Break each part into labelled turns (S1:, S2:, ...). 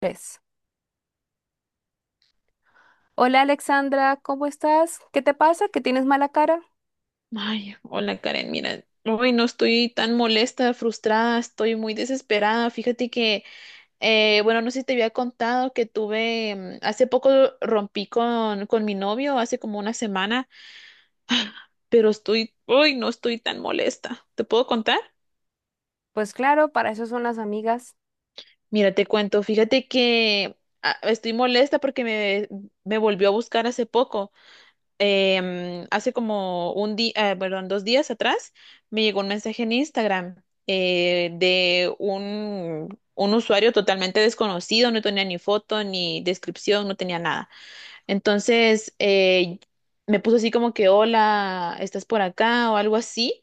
S1: Tres. Hola Alexandra, ¿cómo estás? ¿Qué te pasa? ¿Que tienes mala cara?
S2: Ay, hola Karen, mira, hoy no estoy tan molesta, frustrada, estoy muy desesperada. Fíjate que, bueno, no sé si te había contado que tuve, hace poco rompí con mi novio, hace como una semana, pero estoy, hoy no estoy tan molesta. ¿Te puedo contar?
S1: Pues claro, para eso son las amigas.
S2: Mira, te cuento, fíjate que estoy molesta porque me volvió a buscar hace poco. Hace como un día, perdón, dos días atrás, me llegó un mensaje en Instagram de un usuario totalmente desconocido, no tenía ni foto, ni descripción, no tenía nada. Entonces, me puso así como que, hola, ¿estás por acá? O algo así.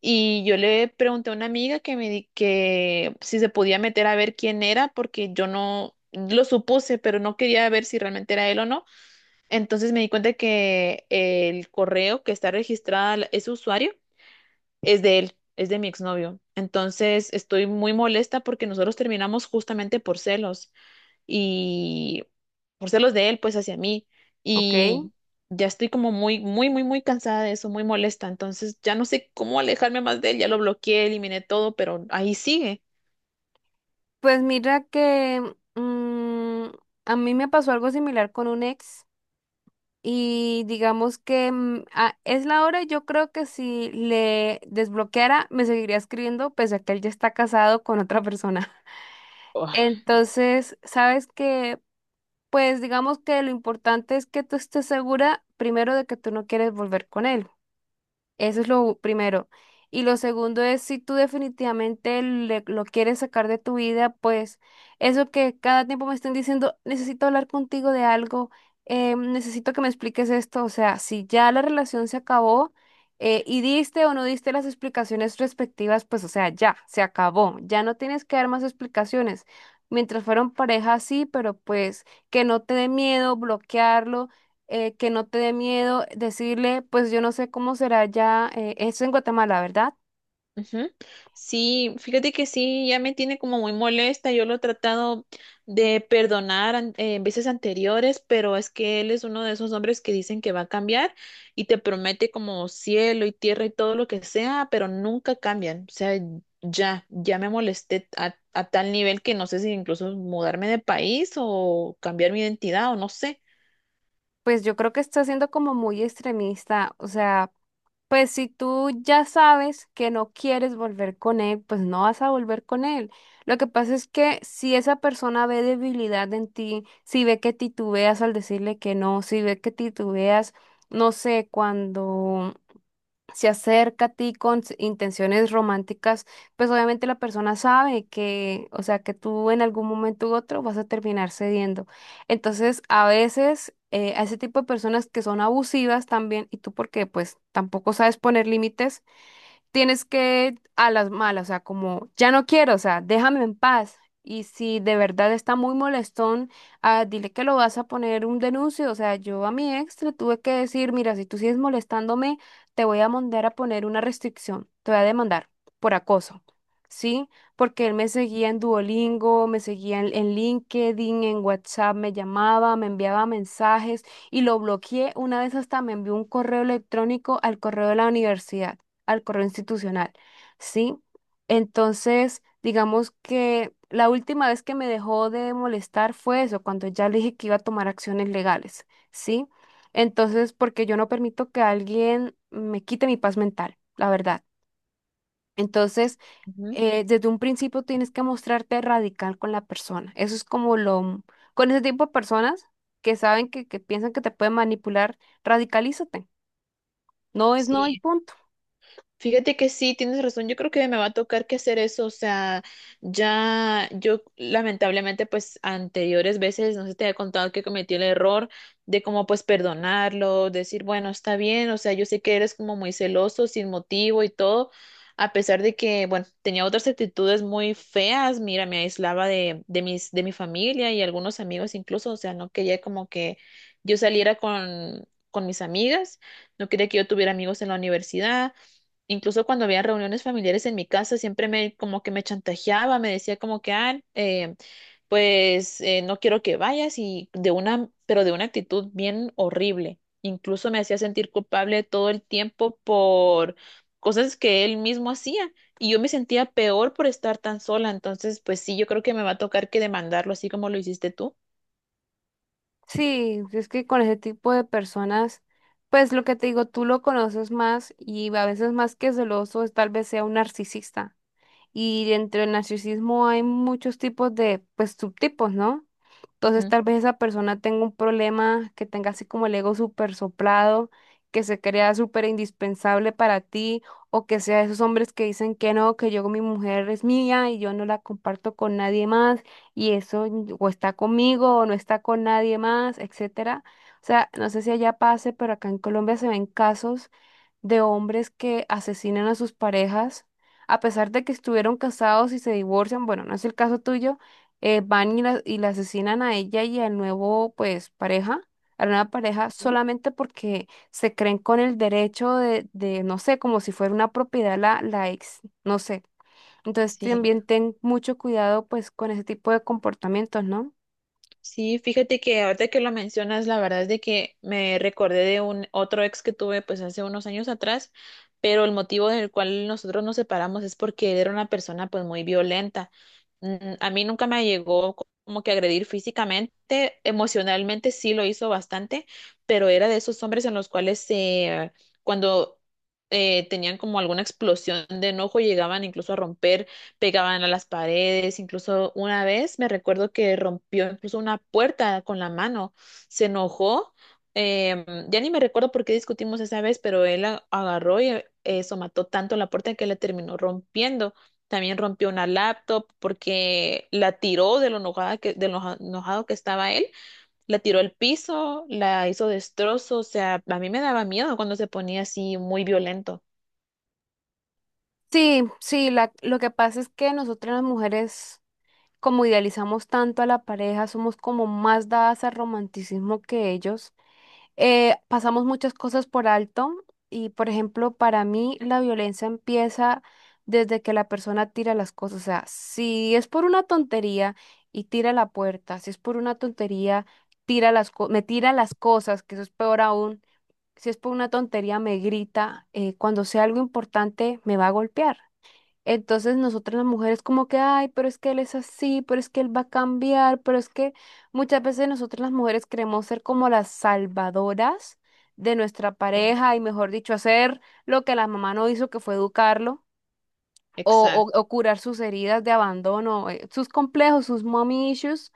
S2: Y yo le pregunté a una amiga que me di que si se podía meter a ver quién era, porque yo no lo supuse, pero no quería ver si realmente era él o no. Entonces me di cuenta que el correo que está registrada ese usuario es de él, es de mi exnovio. Entonces estoy muy molesta porque nosotros terminamos justamente por celos y por celos de él, pues hacia mí.
S1: Ok.
S2: Y ya estoy como muy, muy, muy, muy cansada de eso, muy molesta. Entonces ya no sé cómo alejarme más de él, ya lo bloqueé, eliminé todo, pero ahí sigue.
S1: Pues mira que mm, a mí me pasó algo similar con un ex y digamos que es la hora, yo creo que si le desbloqueara me seguiría escribiendo pese a que él ya está casado con otra persona. Entonces, sabes que, pues digamos que lo importante es que tú estés segura primero de que tú no quieres volver con él. Eso es lo primero. Y lo segundo es, si tú definitivamente lo quieres sacar de tu vida, pues eso que cada tiempo me estén diciendo, necesito hablar contigo de algo, necesito que me expliques esto. O sea, si ya la relación se acabó y diste o no diste las explicaciones respectivas, pues o sea, ya, se acabó. Ya no tienes que dar más explicaciones. Mientras fueron pareja, sí, pero pues que no te dé miedo bloquearlo, que no te dé miedo decirle, pues yo no sé cómo será ya esto en Guatemala, ¿verdad?
S2: Ujú. Sí, fíjate que sí, ya me tiene como muy molesta. Yo lo he tratado de perdonar veces anteriores, pero es que él es uno de esos hombres que dicen que va a cambiar y te promete como cielo y tierra y todo lo que sea, pero nunca cambian. O sea, ya, ya me molesté a tal nivel que no sé si incluso mudarme de país o cambiar mi identidad o no sé.
S1: Pues yo creo que está siendo como muy extremista, o sea, pues si tú ya sabes que no quieres volver con él, pues no vas a volver con él. Lo que pasa es que si esa persona ve debilidad en ti, si ve que titubeas al decirle que no, si ve que titubeas, no sé, cuando se acerca a ti con intenciones románticas, pues obviamente la persona sabe que, o sea, que tú en algún momento u otro vas a terminar cediendo. Entonces, a veces a ese tipo de personas que son abusivas también, y tú porque pues tampoco sabes poner límites, tienes que a las malas, o sea, como ya no quiero, o sea, déjame en paz. Y si de verdad está muy molestón, dile que lo vas a poner un denuncio. O sea, yo a mi ex le tuve que decir, mira, si tú sigues molestándome, te voy a mandar a poner una restricción, te voy a demandar por acoso. ¿Sí? Porque él me seguía en Duolingo, me seguía en LinkedIn, en WhatsApp, me llamaba, me enviaba mensajes y lo bloqueé. Una vez hasta me envió un correo electrónico al correo de la universidad, al correo institucional, ¿sí? Entonces, digamos que la última vez que me dejó de molestar fue eso, cuando ya le dije que iba a tomar acciones legales, ¿sí? Entonces, porque yo no permito que alguien me quite mi paz mental, la verdad. Entonces,
S2: Ujú.
S1: desde un principio tienes que mostrarte radical con la persona. Eso es como con ese tipo de personas que saben que piensan que te pueden manipular, radicalízate. No es no y
S2: Sí,
S1: punto.
S2: fíjate que sí, tienes razón. Yo creo que me va a tocar que hacer eso. O sea, ya yo lamentablemente, pues anteriores veces, no sé, te había contado que cometí el error de como pues perdonarlo, decir, bueno, está bien. O sea, yo sé que eres como muy celoso, sin motivo y todo. A pesar de que, bueno, tenía otras actitudes muy feas. Mira, me aislaba de mi familia y algunos amigos incluso. O sea, no quería como que yo saliera con mis amigas. No quería que yo tuviera amigos en la universidad. Incluso cuando había reuniones familiares en mi casa, siempre me como que me chantajeaba, me decía como que, pues no quiero que vayas y de una, pero de una actitud bien horrible. Incluso me hacía sentir culpable todo el tiempo por cosas que él mismo hacía y yo me sentía peor por estar tan sola. Entonces, pues sí, yo creo que me va a tocar que demandarlo así como lo hiciste tú.
S1: Sí, es que con ese tipo de personas, pues lo que te digo, tú lo conoces más y a veces más que celoso, es tal vez sea un narcisista. Y dentro del narcisismo hay muchos tipos de, pues, subtipos, ¿no? Entonces
S2: Ujú.
S1: tal vez esa persona tenga un problema, que tenga así como el ego súper soplado, que se crea súper indispensable para ti, o que sea esos hombres que dicen que no, que yo, mi mujer es mía y yo no la comparto con nadie más, y eso o está conmigo o no está con nadie más, etcétera. O sea, no sé si allá pase, pero acá en Colombia se ven casos de hombres que asesinan a sus parejas, a pesar de que estuvieron casados y se divorcian, bueno, no es el caso tuyo, van y y la asesinan a ella y al nuevo, pues, pareja, a la nueva pareja, solamente porque se creen con el derecho de, no sé, como si fuera una propiedad la ex, no sé. Entonces
S2: Sí.
S1: también ten mucho cuidado, pues, con ese tipo de comportamientos, ¿no?
S2: Sí, fíjate que ahorita que lo mencionas, la verdad es de que me recordé de un otro ex que tuve pues hace unos años atrás, pero el motivo del cual nosotros nos separamos es porque él era una persona pues muy violenta. A mí nunca me llegó como que agredir físicamente, emocionalmente sí lo hizo bastante, pero era de esos hombres en los cuales cuando tenían como alguna explosión de enojo llegaban incluso a romper, pegaban a las paredes, incluso una vez me recuerdo que rompió incluso una puerta con la mano, se enojó, em, ya ni me recuerdo por qué discutimos esa vez, pero él agarró y eso mató tanto la puerta que la terminó rompiendo. También rompió una laptop porque la tiró de lo enojada que, de lo enojado que estaba él, la tiró al piso, la hizo destrozo, o sea, a mí me daba miedo cuando se ponía así muy violento.
S1: Sí, sí, lo que pasa es que nosotras las mujeres como idealizamos tanto a la pareja, somos como más dadas al romanticismo que ellos. Pasamos muchas cosas por alto y, por ejemplo, para mí la violencia empieza desde que la persona tira las cosas. O sea, si es por una tontería y tira la puerta, si es por una tontería, tira me tira las cosas, que eso es peor aún. Si es por una tontería, me grita. Cuando sea algo importante, me va a golpear. Entonces nosotras las mujeres como que, ay, pero es que él es así, pero es que él va a cambiar, pero es que muchas veces nosotras las mujeres queremos ser como las salvadoras de nuestra pareja y mejor dicho, hacer lo que la mamá no hizo, que fue educarlo o,
S2: Exacto.
S1: o curar sus heridas de abandono, sus complejos, sus mommy issues.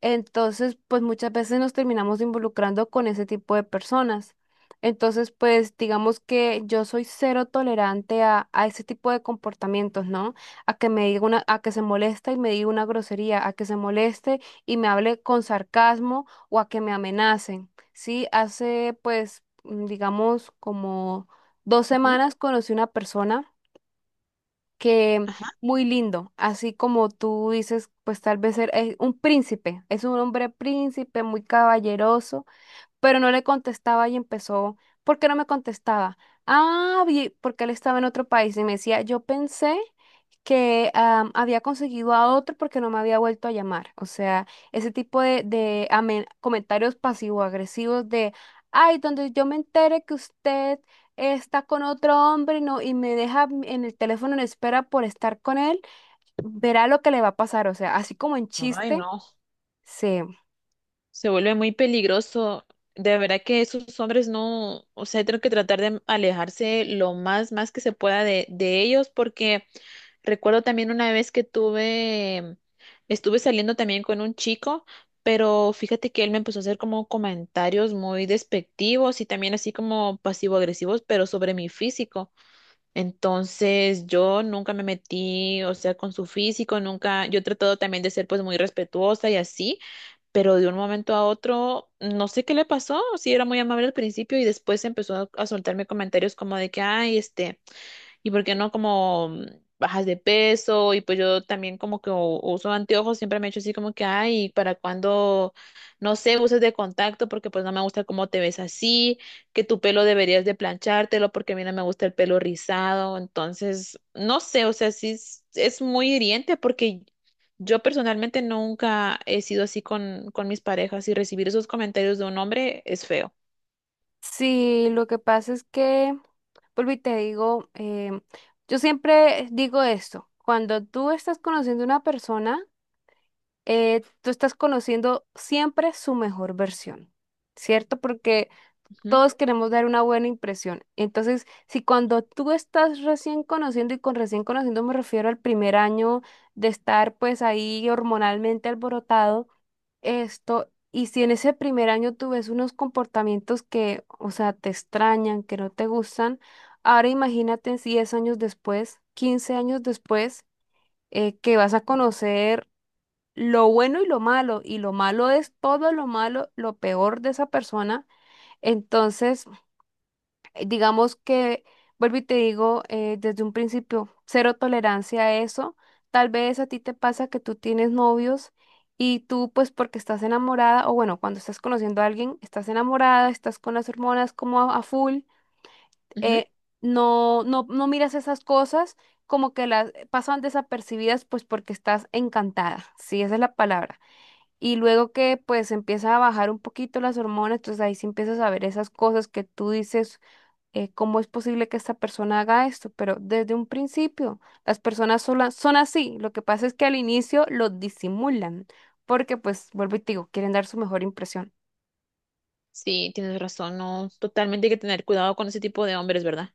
S1: Entonces, pues muchas veces nos terminamos involucrando con ese tipo de personas. Entonces, pues digamos que yo soy cero tolerante a ese tipo de comportamientos, ¿no? A que me diga una, a que se moleste y me diga una grosería, a que se moleste y me hable con sarcasmo o a que me amenacen. Sí, hace pues, digamos, como dos
S2: Ujú.
S1: semanas conocí una persona que
S2: Ajá.
S1: muy lindo, así como tú dices, pues tal vez es un príncipe, es un hombre príncipe muy caballeroso, pero no le contestaba y empezó, ¿por qué no me contestaba? Ah, porque él estaba en otro país y me decía, yo pensé que había conseguido a otro porque no me había vuelto a llamar. O sea, ese tipo de, comentarios pasivo-agresivos de, ay, donde yo me entere que usted está con otro hombre no, y me deja en el teléfono en espera por estar con él, verá lo que le va a pasar. O sea, así como en
S2: Ay,
S1: chiste.
S2: no.
S1: Sí.
S2: Se vuelve muy peligroso. De verdad que esos hombres no, o sea, tengo que tratar de alejarse lo más, más que se pueda de ellos, porque recuerdo también una vez que tuve, estuve saliendo también con un chico, pero fíjate que él me empezó a hacer como comentarios muy despectivos y también así como pasivo-agresivos, pero sobre mi físico. Entonces, yo nunca me metí, o sea, con su físico, nunca, yo he tratado también de ser pues muy respetuosa y así, pero de un momento a otro, no sé qué le pasó, sí era muy amable al principio y después empezó a soltarme comentarios como de que, ay, este y por qué no como bajas de peso y pues yo también como que uso anteojos, siempre me he hecho así como que, ay, ¿para cuando no sé, uses de contacto porque pues no me gusta cómo te ves así, que tu pelo deberías de planchártelo porque a mí no me gusta el pelo rizado? Entonces, no sé, o sea, sí es muy hiriente porque yo personalmente nunca he sido así con mis parejas y recibir esos comentarios de un hombre es feo.
S1: Sí, lo que pasa es que, vuelvo y te digo, yo siempre digo esto, cuando tú estás conociendo a una persona, tú estás conociendo siempre su mejor versión, ¿cierto? Porque todos queremos dar una buena impresión. Entonces, si cuando tú estás recién conociendo, y con recién conociendo me refiero al primer año de estar pues ahí hormonalmente alborotado, esto, y si en ese primer año tú ves unos comportamientos que, o sea, te extrañan, que no te gustan, ahora imagínate en 10 años después, 15 años después, que vas a conocer lo bueno y lo malo es todo lo malo, lo peor de esa persona. Entonces, digamos que, vuelvo y te digo, desde un principio, cero tolerancia a eso. Tal vez a ti te pasa que tú tienes novios y tú, pues porque estás enamorada, o bueno, cuando estás conociendo a alguien, estás enamorada, estás con las hormonas como a full,
S2: Ujú, ujú.
S1: eh, no miras esas cosas como que las pasan desapercibidas, pues porque estás encantada, sí, esa es la palabra. Y luego que pues empieza a bajar un poquito las hormonas, entonces ahí sí empiezas a ver esas cosas que tú dices, cómo es posible que esta persona haga esto, pero desde un principio las son así. Lo que pasa es que al inicio lo disimulan, porque pues, vuelvo y te digo, quieren dar su mejor impresión.
S2: Sí, tienes razón, no, totalmente hay que tener cuidado con ese tipo de hombres, ¿verdad?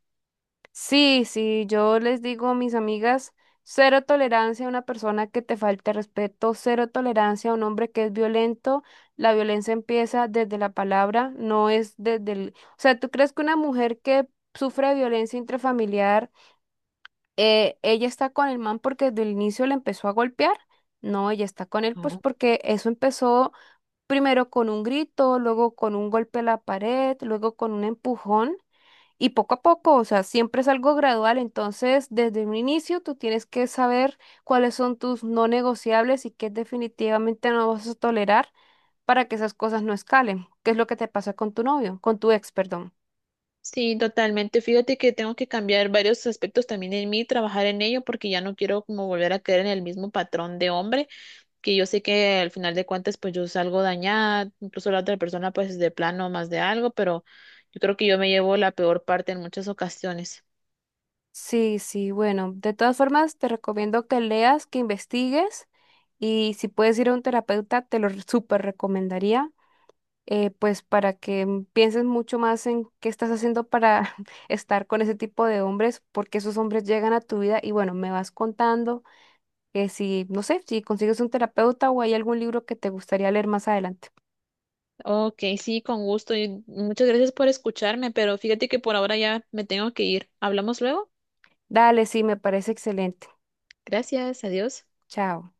S1: Sí, sí, yo les digo a mis amigas, cero tolerancia a una persona que te falte respeto, cero tolerancia a un hombre que es violento. La violencia empieza desde la palabra, no es desde el... O sea, ¿tú crees que una mujer que sufre violencia intrafamiliar ella está con el man porque desde el inicio le empezó a golpear? No, ella está con él pues
S2: No.
S1: porque eso empezó primero con un grito, luego con un golpe a la pared, luego con un empujón y poco a poco, o sea, siempre es algo gradual. Entonces, desde un inicio tú tienes que saber cuáles son tus no negociables y qué definitivamente no vas a tolerar para que esas cosas no escalen. ¿Qué es lo que te pasa con tu novio, con tu ex, perdón?
S2: Sí, totalmente. Fíjate que tengo que cambiar varios aspectos también en mí, trabajar en ello, porque ya no quiero como volver a caer en el mismo patrón de hombre, que yo sé que al final de cuentas pues yo salgo dañada, incluso la otra persona pues de plano más de algo, pero yo creo que yo me llevo la peor parte en muchas ocasiones.
S1: Sí, sí, bueno, de todas formas te recomiendo que leas, que investigues y si puedes ir a un terapeuta te lo súper recomendaría, pues para que pienses mucho más en qué estás haciendo para estar con ese tipo de hombres, porque esos hombres llegan a tu vida y bueno, me vas contando que si, no sé, si consigues un terapeuta o hay algún libro que te gustaría leer más adelante.
S2: Ok, sí, con gusto y muchas gracias por escucharme, pero fíjate que por ahora ya me tengo que ir. ¿Hablamos luego?
S1: Dale, sí, me parece excelente.
S2: Gracias, adiós.
S1: Chao.